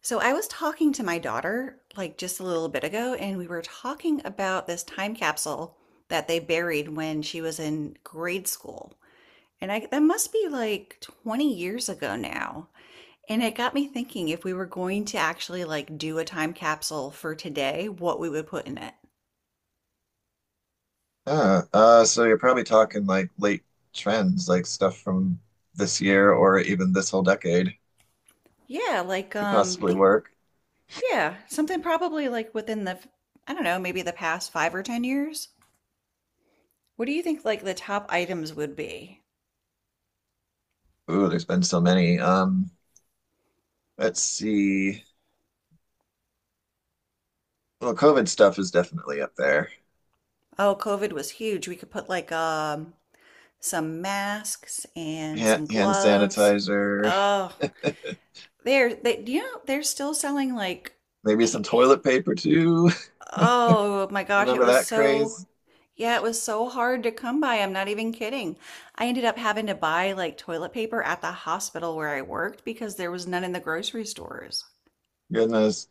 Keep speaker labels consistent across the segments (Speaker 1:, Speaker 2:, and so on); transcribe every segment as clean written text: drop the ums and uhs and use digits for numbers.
Speaker 1: So I was talking to my daughter like just a little bit ago, and we were talking about this time capsule that they buried when she was in grade school. And I, that must be like 20 years ago now. And it got me thinking if we were going to actually like do a time capsule for today, what we would put in it.
Speaker 2: Yeah, so you're probably talking like late trends, like stuff from this year or even this whole decade
Speaker 1: Yeah, like
Speaker 2: could possibly
Speaker 1: think
Speaker 2: work.
Speaker 1: yeah, something probably like within the I don't know, maybe the past 5 or 10 years. What do you think like the top items would be?
Speaker 2: Ooh, there's been so many. Let's see. Well, COVID stuff is definitely up there.
Speaker 1: Oh, COVID was huge. We could put like some masks and
Speaker 2: Hand,
Speaker 1: some
Speaker 2: hand
Speaker 1: gloves.
Speaker 2: sanitizer,
Speaker 1: Oh, they're they they're still selling like
Speaker 2: maybe some toilet paper too.
Speaker 1: oh my
Speaker 2: You
Speaker 1: gosh, it
Speaker 2: remember
Speaker 1: was
Speaker 2: that
Speaker 1: so
Speaker 2: craze?
Speaker 1: yeah, it was so hard to come by. I'm not even kidding. I ended up having to buy like toilet paper at the hospital where I worked because there was none in the grocery stores.
Speaker 2: Goodness.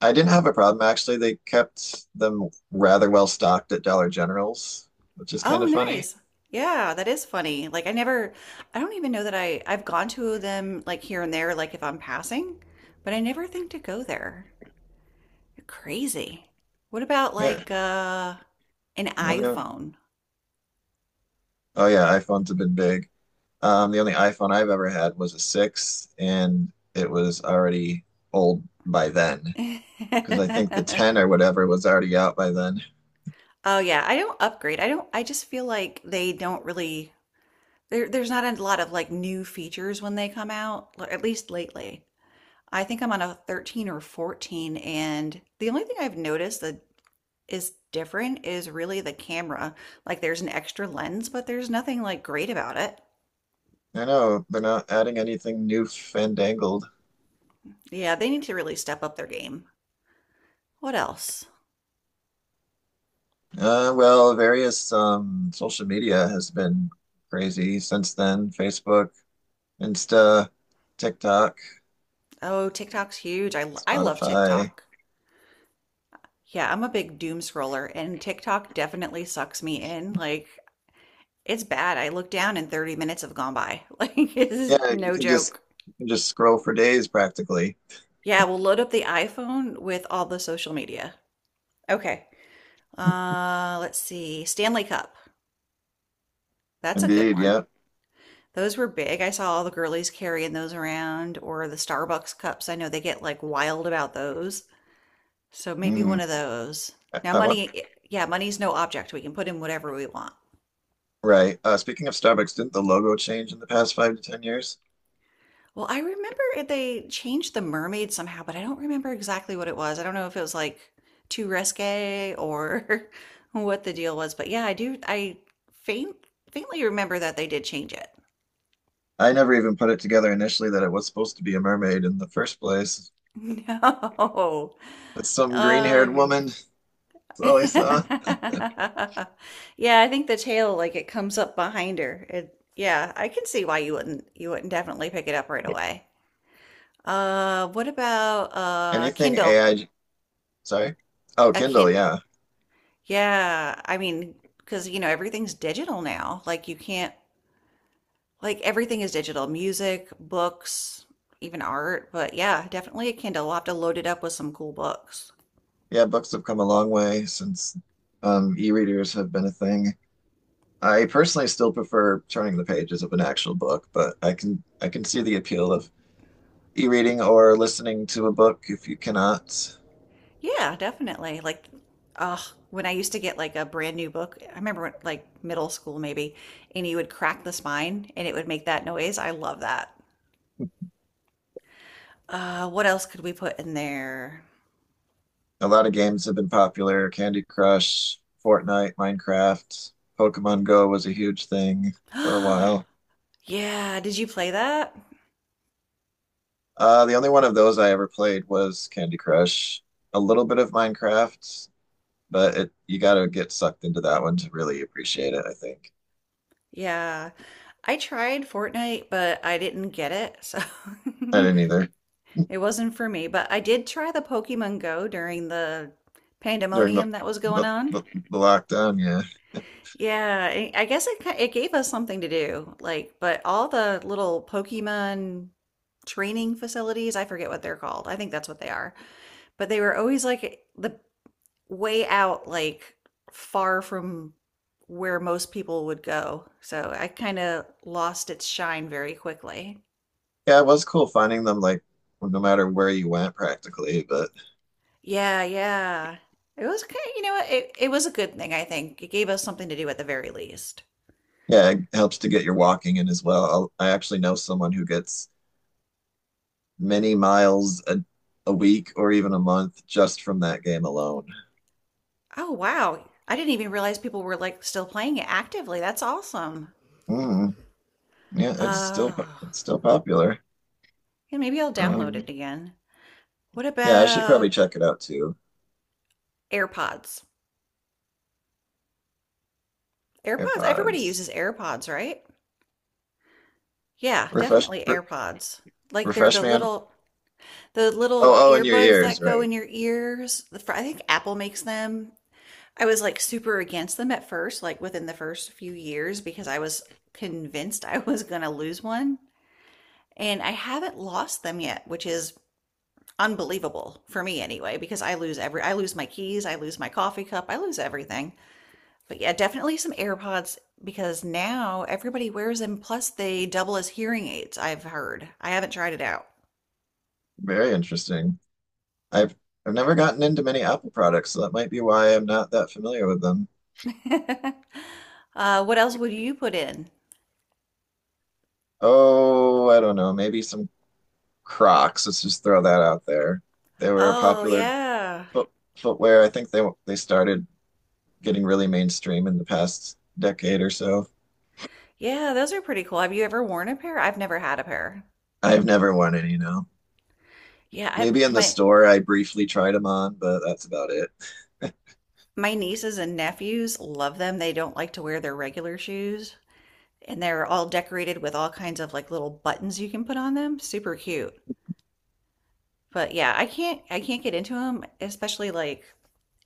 Speaker 2: I didn't have a problem actually. They kept them rather well stocked at Dollar General's, which is kind
Speaker 1: Oh,
Speaker 2: of funny.
Speaker 1: nice. Yeah, that is funny. Like I never I don't even know that I've gone to them like here and there like if I'm passing, but I never think to go there. You're crazy. What about
Speaker 2: Yeah,
Speaker 1: like an
Speaker 2: yeah,
Speaker 1: iPhone?
Speaker 2: oh yeah, iPhones have been big. The only iPhone I've ever had was a six, and it was already old by then because I think the 10 or whatever was already out by then.
Speaker 1: Oh yeah, I don't upgrade. I don't I just feel like they don't really there's not a lot of like new features when they come out, at least lately. I think I'm on a 13 or 14, and the only thing I've noticed the is different is really the camera. Like, there's an extra lens, but there's nothing like great about it.
Speaker 2: I know they're not adding anything new fandangled.
Speaker 1: Yeah, they need to really step up their game. What else?
Speaker 2: Well, various social media has been crazy since then. Facebook, Insta, TikTok,
Speaker 1: Oh, TikTok's huge. I love
Speaker 2: Spotify.
Speaker 1: TikTok. Yeah, I'm a big doom scroller, and TikTok definitely sucks me in. Like, it's bad. I look down and 30 minutes have gone by. Like, it's
Speaker 2: Yeah, you
Speaker 1: no
Speaker 2: can just
Speaker 1: joke.
Speaker 2: you can just scroll for days practically.
Speaker 1: Yeah, we'll load up the iPhone with all the social media. Okay. Let's see. Stanley Cup. That's a good
Speaker 2: Indeed, yeah.
Speaker 1: one. Those were big. I saw all the girlies carrying those around, or the Starbucks cups. I know they get like wild about those. So maybe one
Speaker 2: Mm.
Speaker 1: of those. Now,
Speaker 2: I want
Speaker 1: money, yeah, money's no object. We can put in whatever we want.
Speaker 2: right. Speaking of Starbucks, didn't the logo change in the past five to ten years?
Speaker 1: Well, I remember they changed the mermaid somehow, but I don't remember exactly what it was. I don't know if it was like too risque or what the deal was, but yeah, I do. I faint, faintly remember that they did change it.
Speaker 2: I never even put it together initially that it was supposed to be a mermaid in the first place.
Speaker 1: No. Oh,
Speaker 2: It's some green-haired woman. That's all I saw.
Speaker 1: yeah, I think the tail like it comes up behind her. It, yeah, I can see why you wouldn't definitely pick it up right away. What about
Speaker 2: Anything
Speaker 1: Kindle?
Speaker 2: AI, sorry. Oh,
Speaker 1: A
Speaker 2: Kindle,
Speaker 1: kin
Speaker 2: yeah.
Speaker 1: Yeah, I mean, because you know everything's digital now. Like you can't like everything is digital. Music, books, even art. But yeah, definitely a Kindle. We'll have to load it up with some cool books.
Speaker 2: Yeah, books have come a long way since e-readers have been a thing. I personally still prefer turning the pages of an actual book, but I can see the appeal of e-reading or listening to a book if you cannot.
Speaker 1: Yeah, definitely. Like, uh, when I used to get like a brand new book, I remember when, like middle school maybe, and you would crack the spine and it would make that noise. I love that. What else could we put in there?
Speaker 2: A lot of games have been popular. Candy Crush, Fortnite, Minecraft, Pokemon Go was a huge thing for a while.
Speaker 1: Yeah, did you play that?
Speaker 2: The only one of those I ever played was Candy Crush. A little bit of Minecraft, but it you gotta get sucked into that one to really appreciate it, I think.
Speaker 1: Yeah, I tried Fortnite, but I didn't get it, so
Speaker 2: I didn't either
Speaker 1: it wasn't for me. But I did try the Pokemon Go during the
Speaker 2: during the
Speaker 1: pandemonium that was going
Speaker 2: the,
Speaker 1: on.
Speaker 2: the, the lockdown, yeah.
Speaker 1: Yeah, I guess it it gave us something to do. Like, but all the little Pokemon training facilities, I forget what they're called. I think that's what they are. But they were always like the way out, like far from where most people would go. So I kind of lost its shine very quickly.
Speaker 2: Yeah, it was cool finding them like no matter where you went practically, but
Speaker 1: Yeah, yeah. It was kind of, you know what, it was a good thing, I think. It gave us something to do at the very least.
Speaker 2: yeah, it helps to get your walking in as well. I actually know someone who gets many miles a week or even a month just from that game alone.
Speaker 1: Oh, wow. I didn't even realize people were like still playing it actively. That's awesome.
Speaker 2: Mm, yeah,
Speaker 1: Oh,
Speaker 2: it's still popular.
Speaker 1: yeah, maybe I'll download
Speaker 2: Um,
Speaker 1: it again. What
Speaker 2: yeah, I should probably
Speaker 1: about
Speaker 2: check it out too.
Speaker 1: AirPods? AirPods? Everybody uses
Speaker 2: AirPods,
Speaker 1: AirPods, right? Yeah,
Speaker 2: refresh,
Speaker 1: definitely
Speaker 2: re-
Speaker 1: AirPods. Like they're
Speaker 2: refresh
Speaker 1: the
Speaker 2: man.
Speaker 1: little
Speaker 2: Oh, oh, in your
Speaker 1: earbuds
Speaker 2: ears,
Speaker 1: that go
Speaker 2: right?
Speaker 1: in your ears. I think Apple makes them. I was like super against them at first, like within the first few years because I was convinced I was going to lose one, and I haven't lost them yet, which is unbelievable for me anyway because I lose every I lose my keys, I lose my coffee cup, I lose everything. But yeah, definitely some AirPods because now everybody wears them. Plus, they double as hearing aids, I've heard. I haven't tried it out.
Speaker 2: Very interesting. I've I've never gotten into many Apple products, so that might be why I'm not that familiar with them.
Speaker 1: What else would you put in?
Speaker 2: Oh, I don't know. Maybe some Crocs. Let's just throw that out there. They were a
Speaker 1: Oh,
Speaker 2: popular
Speaker 1: yeah.
Speaker 2: foot, footwear. I think they started getting really mainstream in the past decade or so.
Speaker 1: Yeah, those are pretty cool. Have you ever worn a pair? I've never had a pair.
Speaker 2: I've never worn any, no.
Speaker 1: Yeah, I
Speaker 2: Maybe in the store I briefly tried them on, but that's about it.
Speaker 1: my nieces and nephews love them. They don't like to wear their regular shoes, and they're all decorated with all kinds of like little buttons you can put on them. Super cute. But yeah, I can't get into them, especially like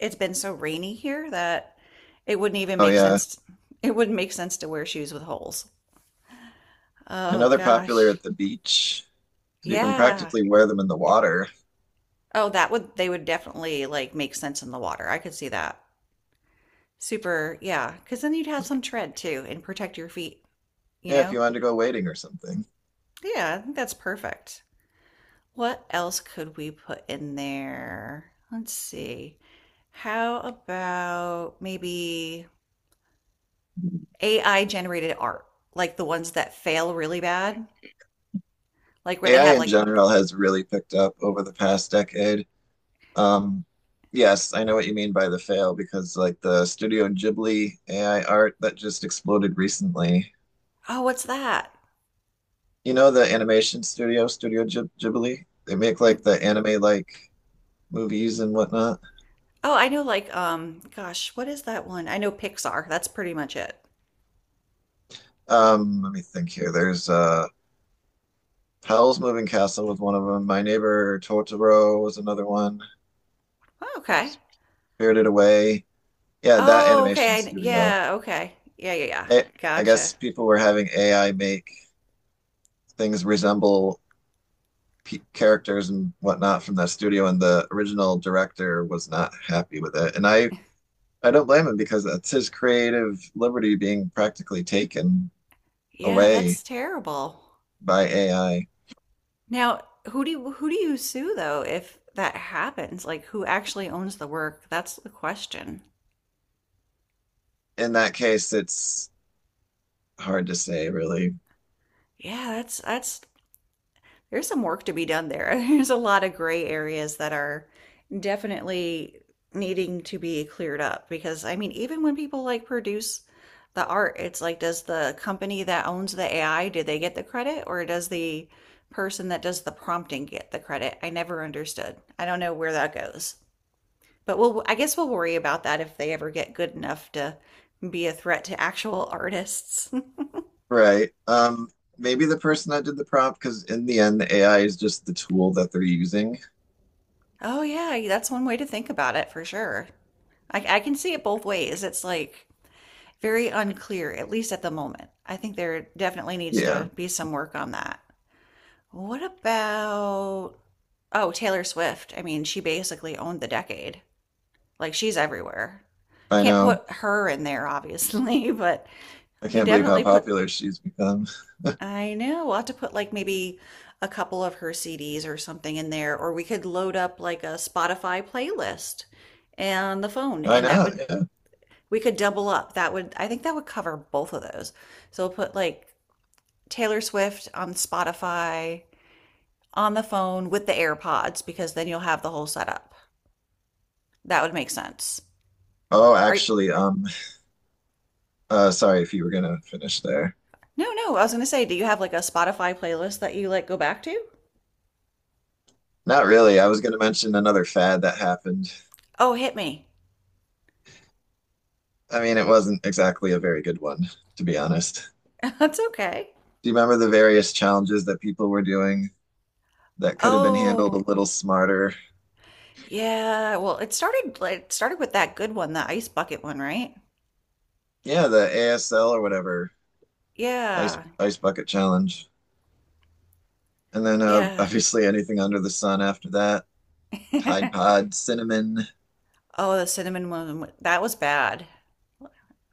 Speaker 1: it's been so rainy here that it wouldn't even
Speaker 2: Oh
Speaker 1: make
Speaker 2: yeah,
Speaker 1: sense it wouldn't make sense to wear shoes with holes.
Speaker 2: I know
Speaker 1: Oh
Speaker 2: they're popular
Speaker 1: gosh.
Speaker 2: at the beach. You can
Speaker 1: Yeah.
Speaker 2: practically wear them in the water.
Speaker 1: Oh, that would they would definitely like make sense in the water. I could see that. Super, yeah, because then you'd have some tread too and protect your feet, you
Speaker 2: Yeah, if you
Speaker 1: know?
Speaker 2: wanted to go wading or something.
Speaker 1: Yeah, I think that's perfect. What else could we put in there? Let's see. How about maybe AI generated art, like the ones that fail really bad, like where they
Speaker 2: AI
Speaker 1: have
Speaker 2: in
Speaker 1: like,
Speaker 2: general has really picked up over the past decade. Um, yes, I know what you mean by the fail because like the Studio Ghibli AI art that just exploded recently.
Speaker 1: oh, what's that?
Speaker 2: You know the animation studio, Ghibli? They make like
Speaker 1: N-
Speaker 2: the anime like movies and whatnot.
Speaker 1: Oh, I know like gosh, what is that one? I know Pixar. That's pretty much it.
Speaker 2: Let me think here. There's Howl's Moving Castle was one of them. My Neighbor Totoro was another one.
Speaker 1: Oh, okay.
Speaker 2: Spirited Away. Yeah, that
Speaker 1: Oh,
Speaker 2: animation
Speaker 1: okay.
Speaker 2: studio.
Speaker 1: Yeah, okay. Yeah, yeah, yeah.
Speaker 2: I, I
Speaker 1: Gotcha.
Speaker 2: guess people were having AI make things resemble characters and whatnot from that studio, and the original director was not happy with it. And I don't blame him because that's his creative liberty being practically taken
Speaker 1: Yeah,
Speaker 2: away
Speaker 1: that's terrible.
Speaker 2: by AI.
Speaker 1: Now, who do you sue though if that happens? Like who actually owns the work? That's the question.
Speaker 2: In that case, it's hard to say, really.
Speaker 1: Yeah, that's there's some work to be done there. There's a lot of gray areas that are definitely needing to be cleared up because I mean, even when people like produce the art, it's like, does the company that owns the AI, do they get the credit, or does the person that does the prompting get the credit? I never understood. I don't know where that goes. But we'll, I guess we'll worry about that if they ever get good enough to be a threat to actual artists.
Speaker 2: Right. Maybe the person that did the prompt, because in the end, the AI is just the tool that they're using.
Speaker 1: Oh yeah, that's one way to think about it for sure. I can see it both ways. It's like very unclear, at least at the moment. I think there definitely needs to
Speaker 2: Yeah,
Speaker 1: be some work on that. What about, oh, Taylor Swift? I mean, she basically owned the decade. Like she's everywhere.
Speaker 2: I
Speaker 1: Can't
Speaker 2: know.
Speaker 1: put her in there, obviously, but
Speaker 2: I
Speaker 1: you can
Speaker 2: can't believe how
Speaker 1: definitely put
Speaker 2: popular she's become.
Speaker 1: I know. We'll have to put like maybe a couple of her CDs or something in there, or we could load up like a Spotify playlist and the phone,
Speaker 2: I
Speaker 1: and that
Speaker 2: know.
Speaker 1: would
Speaker 2: Yeah.
Speaker 1: we could double up. That would I think that would cover both of those. So we'll put like Taylor Swift on Spotify on the phone with the AirPods because then you'll have the whole setup. That would make sense.
Speaker 2: Oh,
Speaker 1: Are you,
Speaker 2: actually, sorry if you were gonna finish there.
Speaker 1: no, no, I was gonna say, do you have like a Spotify playlist that you like go back to?
Speaker 2: Not really. I was going to mention another fad that happened.
Speaker 1: Oh, hit me.
Speaker 2: I mean, it wasn't exactly a very good one, to be honest.
Speaker 1: That's okay.
Speaker 2: Do you remember the various challenges that people were doing that could have been handled a
Speaker 1: Oh.
Speaker 2: little smarter?
Speaker 1: Yeah, well, it started like it started with that good one, the ice bucket one, right?
Speaker 2: Yeah, the ASL or whatever,
Speaker 1: Yeah.
Speaker 2: ice bucket challenge. And then
Speaker 1: Yeah.
Speaker 2: obviously anything under the sun after that, Tide Pod, cinnamon,
Speaker 1: Oh, the cinnamon one, that was bad.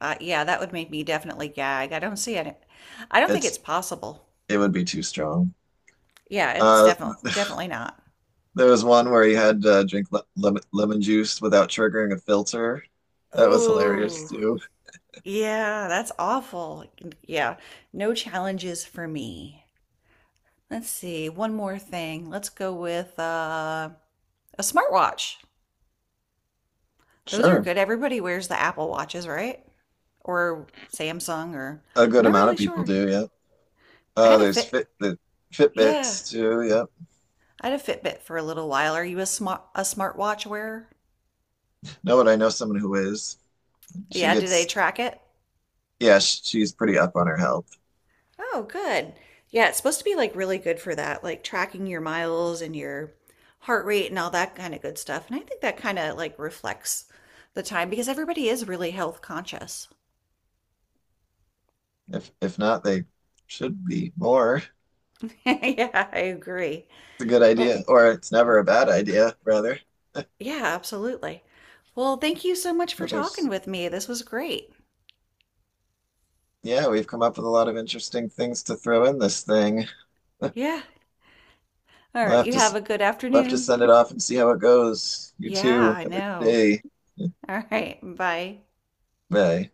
Speaker 1: Yeah, that would make me definitely gag. I don't see it. I don't think it's
Speaker 2: it's
Speaker 1: possible.
Speaker 2: it would be too strong.
Speaker 1: Yeah, it's
Speaker 2: Uh,
Speaker 1: definitely definitely not.
Speaker 2: there was one where you had to drink le lemon, juice without triggering a filter. That was hilarious
Speaker 1: Oh,
Speaker 2: too.
Speaker 1: yeah, that's awful. Yeah, no challenges for me. Let's see, one more thing. Let's go with a smartwatch. Those are
Speaker 2: Sure.
Speaker 1: good. Everybody wears the Apple Watches, right? Or Samsung or
Speaker 2: A
Speaker 1: I'm
Speaker 2: good
Speaker 1: not
Speaker 2: amount
Speaker 1: really
Speaker 2: of people
Speaker 1: sure.
Speaker 2: do, yeah.
Speaker 1: I had a
Speaker 2: There's
Speaker 1: Fit. Yeah,
Speaker 2: Fitbits too, yeah.
Speaker 1: I had a Fitbit for a little while. Are you a smartwatch wearer?
Speaker 2: No, but I know someone who is. She
Speaker 1: Yeah, do they
Speaker 2: gets,
Speaker 1: track it?
Speaker 2: yeah, she's pretty up on her health.
Speaker 1: Oh, good. Yeah, it's supposed to be like really good for that, like tracking your miles and your heart rate and all that kind of good stuff. And I think that kind of like reflects the time because everybody is really health conscious.
Speaker 2: If not, they should be more. It's
Speaker 1: Yeah, I agree.
Speaker 2: a good
Speaker 1: Well,
Speaker 2: idea, or it's never a bad idea, rather.
Speaker 1: yeah, absolutely. Well, thank you so much for
Speaker 2: But
Speaker 1: talking with me. This was great.
Speaker 2: yeah, we've come up with a lot of interesting things to throw in this thing.
Speaker 1: Yeah. All
Speaker 2: We'll
Speaker 1: right.
Speaker 2: have
Speaker 1: You
Speaker 2: to
Speaker 1: have
Speaker 2: s-
Speaker 1: a good
Speaker 2: we'll have to
Speaker 1: afternoon.
Speaker 2: send it off and see how it goes. You
Speaker 1: Yeah,
Speaker 2: too.
Speaker 1: I
Speaker 2: Have a good
Speaker 1: know.
Speaker 2: day.
Speaker 1: All right. Bye.
Speaker 2: Bye.